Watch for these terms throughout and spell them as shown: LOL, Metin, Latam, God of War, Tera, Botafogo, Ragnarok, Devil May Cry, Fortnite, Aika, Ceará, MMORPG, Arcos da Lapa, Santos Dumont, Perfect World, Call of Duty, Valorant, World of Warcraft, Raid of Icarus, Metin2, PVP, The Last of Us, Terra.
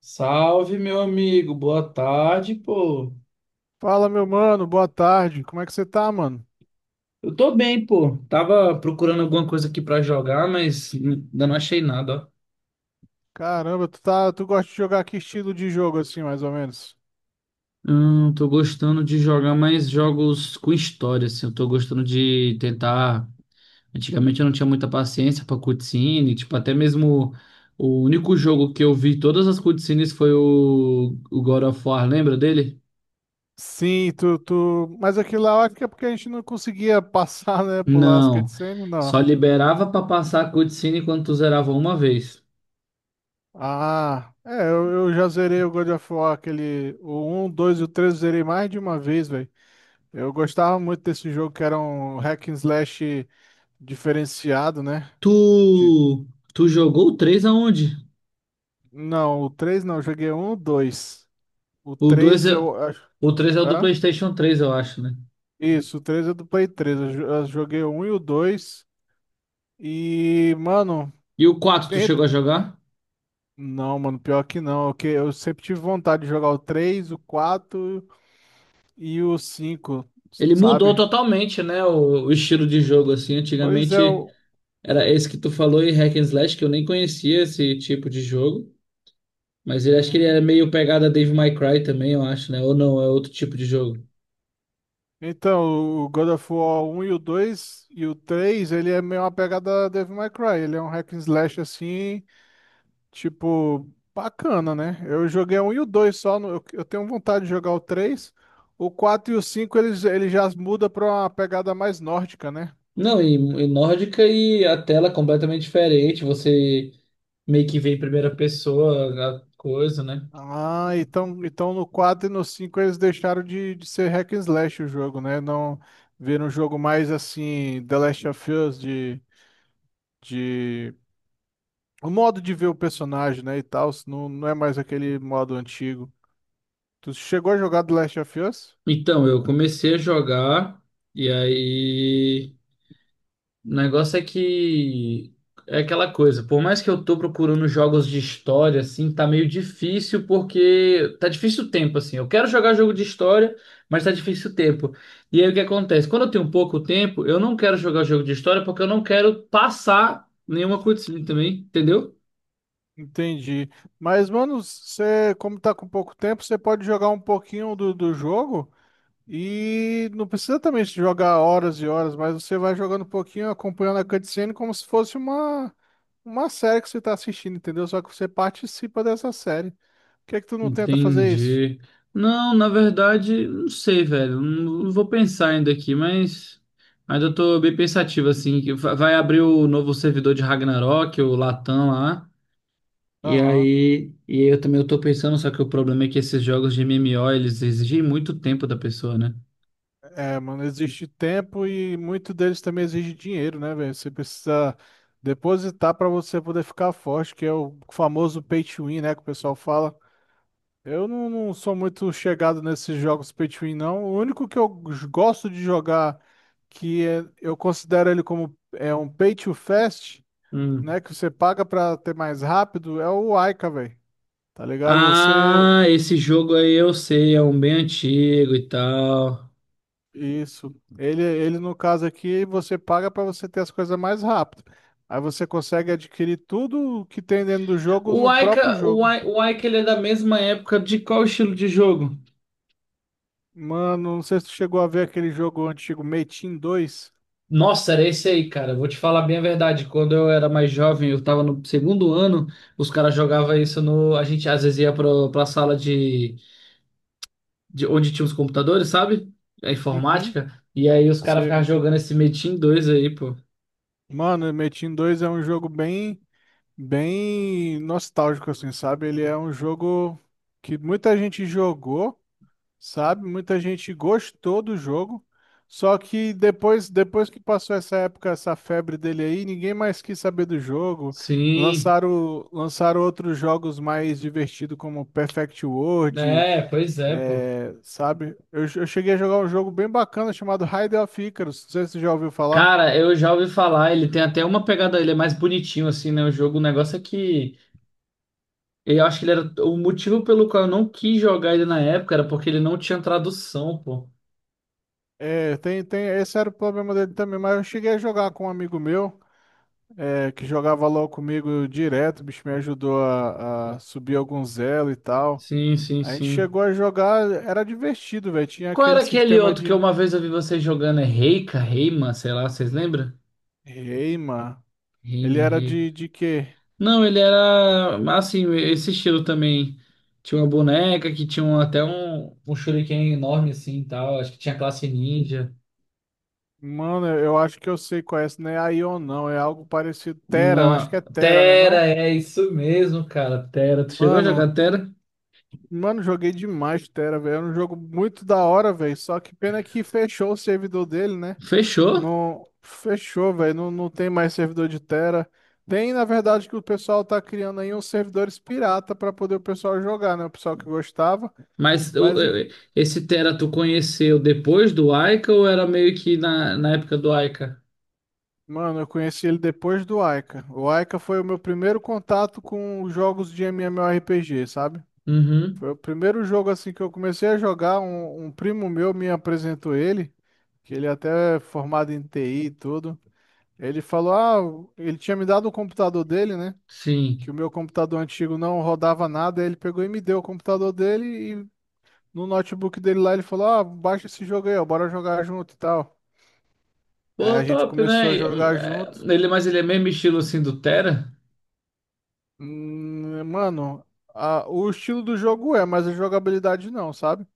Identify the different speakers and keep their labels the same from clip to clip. Speaker 1: Salve, meu amigo. Boa tarde, pô.
Speaker 2: Fala, meu mano, boa tarde. Como é que você tá, mano?
Speaker 1: Eu tô bem, pô. Tava procurando alguma coisa aqui pra jogar, mas ainda não achei nada, ó.
Speaker 2: Caramba, tu gosta de jogar que estilo de jogo assim, mais ou menos?
Speaker 1: Tô gostando de jogar mais jogos com história, assim. Eu tô gostando de tentar. Antigamente eu não tinha muita paciência pra cutscene, tipo, até mesmo o único jogo que eu vi todas as cutscenes foi o God of War, lembra dele?
Speaker 2: Sim, mas aquilo lá eu acho que é porque a gente não conseguia passar, né, pular as
Speaker 1: Não.
Speaker 2: cutscenes, não.
Speaker 1: Só liberava pra passar a cutscene quando tu zerava uma vez.
Speaker 2: Ah, é, eu já zerei o God of War, aquele, o um, 2 e o 3 eu zerei mais de uma vez, velho. Eu gostava muito desse jogo que era um hack and slash diferenciado, né?
Speaker 1: Tu,
Speaker 2: De-
Speaker 1: tu jogou o 3 aonde?
Speaker 2: não, o 3 não, eu joguei um, 2. O
Speaker 1: O 2
Speaker 2: 3
Speaker 1: é,
Speaker 2: eu acho.
Speaker 1: o 3 é o do
Speaker 2: Hã?
Speaker 1: PlayStation 3 eu acho, né?
Speaker 2: Isso, o 3 é do Play 3. Eu joguei o 1 e o dois. E, mano,
Speaker 1: E o quatro tu
Speaker 2: bem.
Speaker 1: chegou a jogar?
Speaker 2: Não, mano, pior que não, que eu sempre tive vontade de jogar o 3, o 4 e o 5,
Speaker 1: Ele mudou
Speaker 2: sabe?
Speaker 1: totalmente, né, o estilo de jogo assim.
Speaker 2: Pois é,
Speaker 1: Antigamente
Speaker 2: o.
Speaker 1: era esse que tu falou e hack and slash, que eu nem conhecia esse tipo de jogo, mas ele acho que ele era
Speaker 2: Uhum.
Speaker 1: meio pegada Devil May Cry também, eu acho, né? Ou não, é outro tipo de jogo.
Speaker 2: Então, o God of War um e o 2 e o 3, ele é meio uma pegada Devil May Cry. Ele é um hack and slash assim. Tipo, bacana, né? Eu joguei um e o dois só. Eu tenho vontade de jogar o três. O quatro e o cinco eles, ele já muda pra uma pegada mais nórdica, né?
Speaker 1: Não, e nórdica, e a tela completamente diferente, você meio que vê em primeira pessoa a coisa, né?
Speaker 2: Ah, então, então no 4 e no 5 eles deixaram de ser hack and slash o jogo, né? Não viram um jogo mais assim, The Last of Us. De... O modo de ver o personagem, né, e tal, não, não é mais aquele modo antigo. Tu chegou a jogar The Last of Us?
Speaker 1: Então, eu comecei a jogar e aí o negócio é que é aquela coisa, por mais que eu tô procurando jogos de história assim, tá meio difícil porque tá difícil o tempo assim. Eu quero jogar jogo de história, mas tá difícil o tempo. E aí o que acontece? Quando eu tenho pouco tempo, eu não quero jogar jogo de história porque eu não quero passar nenhuma cutscene também, entendeu?
Speaker 2: Entendi. Mas, mano, você, como tá com pouco tempo, você pode jogar um pouquinho do jogo e não precisa também jogar horas e horas, mas você vai jogando um pouquinho, acompanhando a cutscene como se fosse uma série que você tá assistindo, entendeu? Só que você participa dessa série. Por que que tu não tenta fazer isso?
Speaker 1: Entendi. Não, na verdade, não sei, velho. Não vou pensar ainda aqui, mas ainda tô bem pensativo, assim, que vai abrir o novo servidor de Ragnarok, o Latam lá. E
Speaker 2: Aham.
Speaker 1: aí, e eu também eu tô pensando, só que o problema é que esses jogos de MMO, eles exigem muito tempo da pessoa, né?
Speaker 2: É, mano, existe tempo e muito deles também exige dinheiro, né, velho? Você precisa depositar pra você poder ficar forte, que é o famoso pay to win, né, que o pessoal fala. Eu não sou muito chegado nesses jogos pay to win, não. O único que eu gosto de jogar, eu considero ele como é um pay to fast,
Speaker 1: Hum.
Speaker 2: né? Que você paga pra ter mais rápido, é o Aika, velho. Tá ligado? Você.
Speaker 1: Ah, esse jogo aí eu sei, é um bem antigo e tal.
Speaker 2: Isso. Ele, no caso aqui, você paga pra você ter as coisas mais rápido. Aí você consegue adquirir tudo que tem dentro do jogo
Speaker 1: O
Speaker 2: no próprio
Speaker 1: Aika,
Speaker 2: jogo.
Speaker 1: O Aika, ele é da mesma época de qual estilo de jogo?
Speaker 2: Mano, não sei se tu chegou a ver aquele jogo antigo, Metin dois.
Speaker 1: Nossa, era esse aí, cara. Vou te falar bem a verdade. Quando eu era mais jovem, eu tava no segundo ano, os caras jogavam
Speaker 2: Uhum.
Speaker 1: isso no. A gente às vezes ia pra sala de onde tinha os computadores, sabe? A
Speaker 2: Uhum.
Speaker 1: informática. E aí os caras ficavam
Speaker 2: Você
Speaker 1: jogando esse Metin dois aí, pô.
Speaker 2: Mano, Metin dois é um jogo bem, bem nostálgico, assim, sabe? Ele é um jogo que muita gente jogou, sabe? Muita gente gostou do jogo. Só que depois que passou essa época, essa febre dele aí, ninguém mais quis saber do jogo.
Speaker 1: Sim.
Speaker 2: Lançaram outros jogos mais divertidos, como Perfect World,
Speaker 1: É, pois é, pô.
Speaker 2: é, sabe? Eu cheguei a jogar um jogo bem bacana chamado Raid of Icarus. Não sei se você já ouviu falar.
Speaker 1: Cara, eu já ouvi falar, ele tem até uma pegada, ele é mais bonitinho, assim, né? O jogo, o negócio é que. Eu acho que ele era. O motivo pelo qual eu não quis jogar ele na época era porque ele não tinha tradução, pô.
Speaker 2: É, tem, tem, esse era o problema dele também, mas eu cheguei a jogar com um amigo meu, é, que jogava LOL comigo direto, o bicho me ajudou a subir alguns elo e tal.
Speaker 1: Sim, sim,
Speaker 2: A gente
Speaker 1: sim.
Speaker 2: chegou a jogar, era divertido, velho, tinha
Speaker 1: Qual
Speaker 2: aquele
Speaker 1: era aquele
Speaker 2: sistema
Speaker 1: outro que
Speaker 2: de.
Speaker 1: uma vez eu vi vocês jogando? É Reika, Reima, sei lá, vocês lembram?
Speaker 2: Ei, mano, ele
Speaker 1: Reima,
Speaker 2: era
Speaker 1: Reika.
Speaker 2: de quê?
Speaker 1: Não, ele era assim, esse estilo também. Tinha uma boneca que tinha até um, um shuriken enorme assim e tal. Acho que tinha classe ninja.
Speaker 2: Mano, eu acho que eu sei qual é esse, não é Aion não, é algo parecido, Terra, eu acho que é
Speaker 1: Não,
Speaker 2: Terra, né não?
Speaker 1: Tera, é isso mesmo, cara. Tera, tu chegou a
Speaker 2: Mano,
Speaker 1: jogar Tera?
Speaker 2: mano, joguei demais Terra, velho, era um jogo muito da hora, velho, só que pena que fechou o servidor dele, né?
Speaker 1: Fechou?
Speaker 2: Não, fechou, velho. Não, não tem mais servidor de Terra. Tem, na verdade, que o pessoal tá criando aí uns servidores pirata pra poder o pessoal jogar, né? O pessoal que gostava.
Speaker 1: Mas
Speaker 2: Mas,
Speaker 1: esse Tera tu conheceu depois do Aika ou era meio que na época do Aika?
Speaker 2: mano, eu conheci ele depois do Aika. O Aika foi o meu primeiro contato com jogos de MMORPG, sabe?
Speaker 1: Uhum,
Speaker 2: Foi o primeiro jogo assim que eu comecei a jogar. Um primo meu me apresentou ele, que ele até é formado em TI e tudo. Ele falou, ah, ele tinha me dado o computador dele, né? Que
Speaker 1: sim.
Speaker 2: o meu computador antigo não rodava nada, aí ele pegou e me deu o computador dele e no notebook dele lá ele falou: "Ah, baixa esse jogo aí, ó, bora jogar junto e tal". Aí
Speaker 1: Pô,
Speaker 2: a gente
Speaker 1: top,
Speaker 2: começou
Speaker 1: né?
Speaker 2: a
Speaker 1: E,
Speaker 2: jogar junto.
Speaker 1: Ele, mas ele é mesmo estilo assim do Terra?
Speaker 2: Mano, o estilo do jogo é, mas a jogabilidade não, sabe?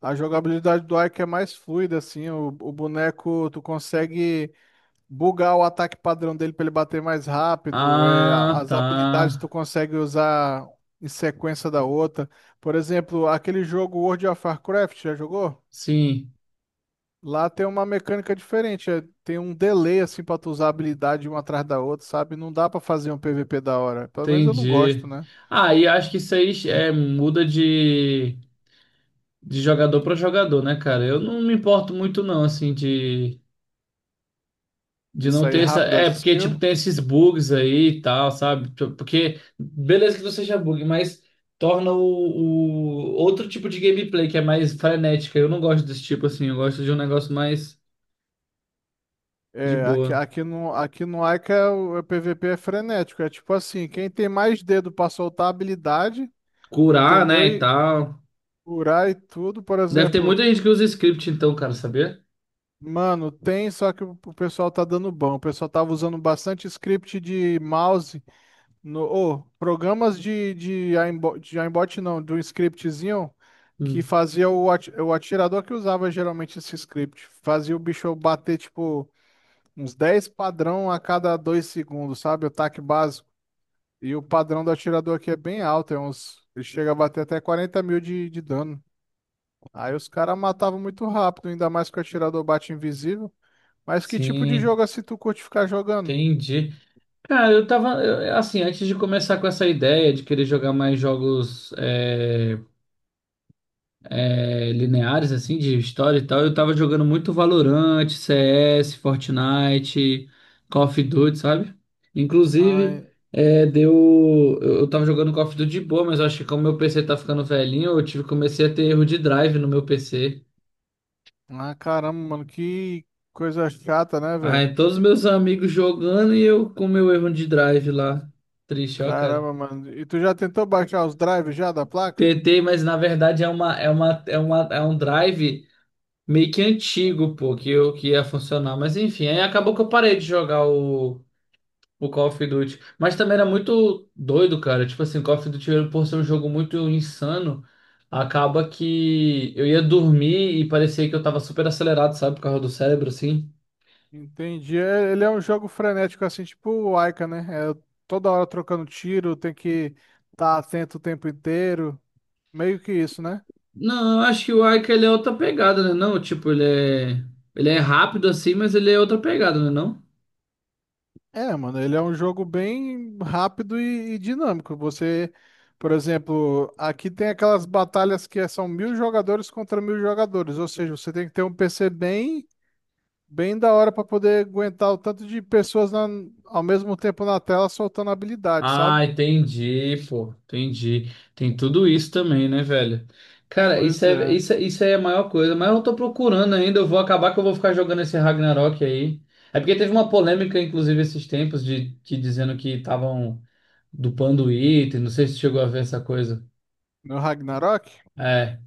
Speaker 2: A jogabilidade do Ike é mais fluida, assim, o boneco tu consegue bugar o ataque padrão dele para ele bater mais rápido, é,
Speaker 1: Ah,
Speaker 2: as
Speaker 1: tá.
Speaker 2: habilidades tu consegue usar em sequência da outra. Por exemplo, aquele jogo World of Warcraft, já jogou?
Speaker 1: Sim,
Speaker 2: Lá tem uma mecânica diferente, é, tem um delay assim para tu usar a habilidade uma atrás da outra, sabe? Não dá para fazer um PVP da hora. Pelo menos eu não gosto,
Speaker 1: entendi.
Speaker 2: né?
Speaker 1: Ah, e acho que isso aí é, muda de jogador pra jogador, né, cara? Eu não me importo muito, não, assim,
Speaker 2: De
Speaker 1: de não
Speaker 2: sair
Speaker 1: ter essa.
Speaker 2: rápido as
Speaker 1: É, porque, tipo,
Speaker 2: skills.
Speaker 1: tem esses bugs aí e tal, sabe? Tipo, porque, beleza que não seja bug, mas torna o outro tipo de gameplay que é mais frenética. Eu não gosto desse tipo, assim. Eu gosto de um negócio mais de
Speaker 2: É, aqui,
Speaker 1: boa.
Speaker 2: aqui no Aika é o PVP é frenético. É tipo assim, quem tem mais dedo para soltar a habilidade,
Speaker 1: Curar,
Speaker 2: entendeu?
Speaker 1: né, e tal.
Speaker 2: Curar e tudo, por
Speaker 1: Deve ter
Speaker 2: exemplo,
Speaker 1: muita gente que usa script, então, cara, sabia?
Speaker 2: mano, tem, só que o pessoal tá dando bom. O pessoal tava usando bastante script de mouse, no, ô, programas de aimbot, não, de um scriptzinho que
Speaker 1: Hum.
Speaker 2: fazia o, o atirador que usava geralmente esse script. Fazia o bicho bater, tipo, uns 10 padrão a cada 2 segundos, sabe? O taque básico. E o padrão do atirador aqui é bem alto, ele chega a bater até 40 mil de dano. Aí os caras matavam muito rápido, ainda mais que o atirador bate invisível. Mas que tipo de
Speaker 1: Sim,
Speaker 2: jogo assim tu curte ficar jogando?
Speaker 1: entendi. Cara, eu tava, assim, antes de começar com essa ideia de querer jogar mais jogos lineares, assim, de história e tal, eu tava jogando muito Valorant, CS, Fortnite, Call of Duty, sabe? Inclusive,
Speaker 2: Ai,
Speaker 1: é, deu, eu tava jogando Call of Duty de boa, mas eu acho que como meu PC tá ficando velhinho, eu tive, comecei a ter erro de drive no meu PC.
Speaker 2: ah, caramba, mano, que coisa chata, né, velho?
Speaker 1: Aí todos os meus amigos jogando e eu com meu erro de drive lá. Triste, ó, cara.
Speaker 2: Caramba, mano. E tu já tentou baixar os drives já da placa?
Speaker 1: Tentei, mas na verdade é uma é uma é uma é um drive meio que antigo, pô, que eu que ia funcionar, mas enfim, aí acabou que eu parei de jogar o Call of Duty, mas também era muito doido, cara. Tipo assim, Call of Duty por ser um jogo muito insano, acaba que eu ia dormir e parecia que eu tava super acelerado, sabe, por causa do cérebro assim.
Speaker 2: Entendi. Ele é um jogo frenético, assim, tipo o Aika, né? É toda hora trocando tiro, tem que estar atento o tempo inteiro. Meio que isso, né?
Speaker 1: Não, eu acho que o Aika ele é outra pegada, né? Não, tipo, ele é. Ele é rápido assim, mas ele é outra pegada, né? Não?
Speaker 2: É, mano, ele é um jogo bem rápido e dinâmico. Você, por exemplo, aqui tem aquelas batalhas que são mil jogadores contra mil jogadores, ou seja, você tem que ter um PC bem, bem da hora para poder aguentar o tanto de pessoas ao mesmo tempo na tela soltando habilidade, sabe?
Speaker 1: Ah, entendi, pô, entendi. Tem tudo isso também, né, velho? Cara, isso
Speaker 2: Pois
Speaker 1: é,
Speaker 2: é.
Speaker 1: isso, isso aí é a maior coisa, mas eu tô procurando ainda, eu vou acabar que eu vou ficar jogando esse Ragnarok aí. É porque teve uma polêmica, inclusive, esses tempos, de que dizendo que estavam dupando item, não sei se chegou a ver essa coisa.
Speaker 2: No Ragnarok?
Speaker 1: É,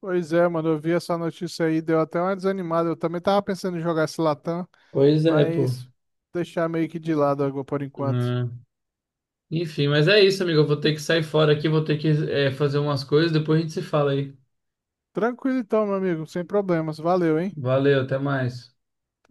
Speaker 2: Pois é, mano, eu vi essa notícia aí, deu até uma desanimada. Eu também tava pensando em jogar esse Latam,
Speaker 1: pois é, pô.
Speaker 2: mas deixar meio que de lado agora por enquanto.
Speaker 1: Enfim, mas é isso, amigo. Eu vou ter que sair fora aqui, vou ter que, fazer umas coisas, depois a gente se fala aí.
Speaker 2: Tranquilo então, meu amigo, sem problemas. Valeu, hein?
Speaker 1: Valeu, até mais.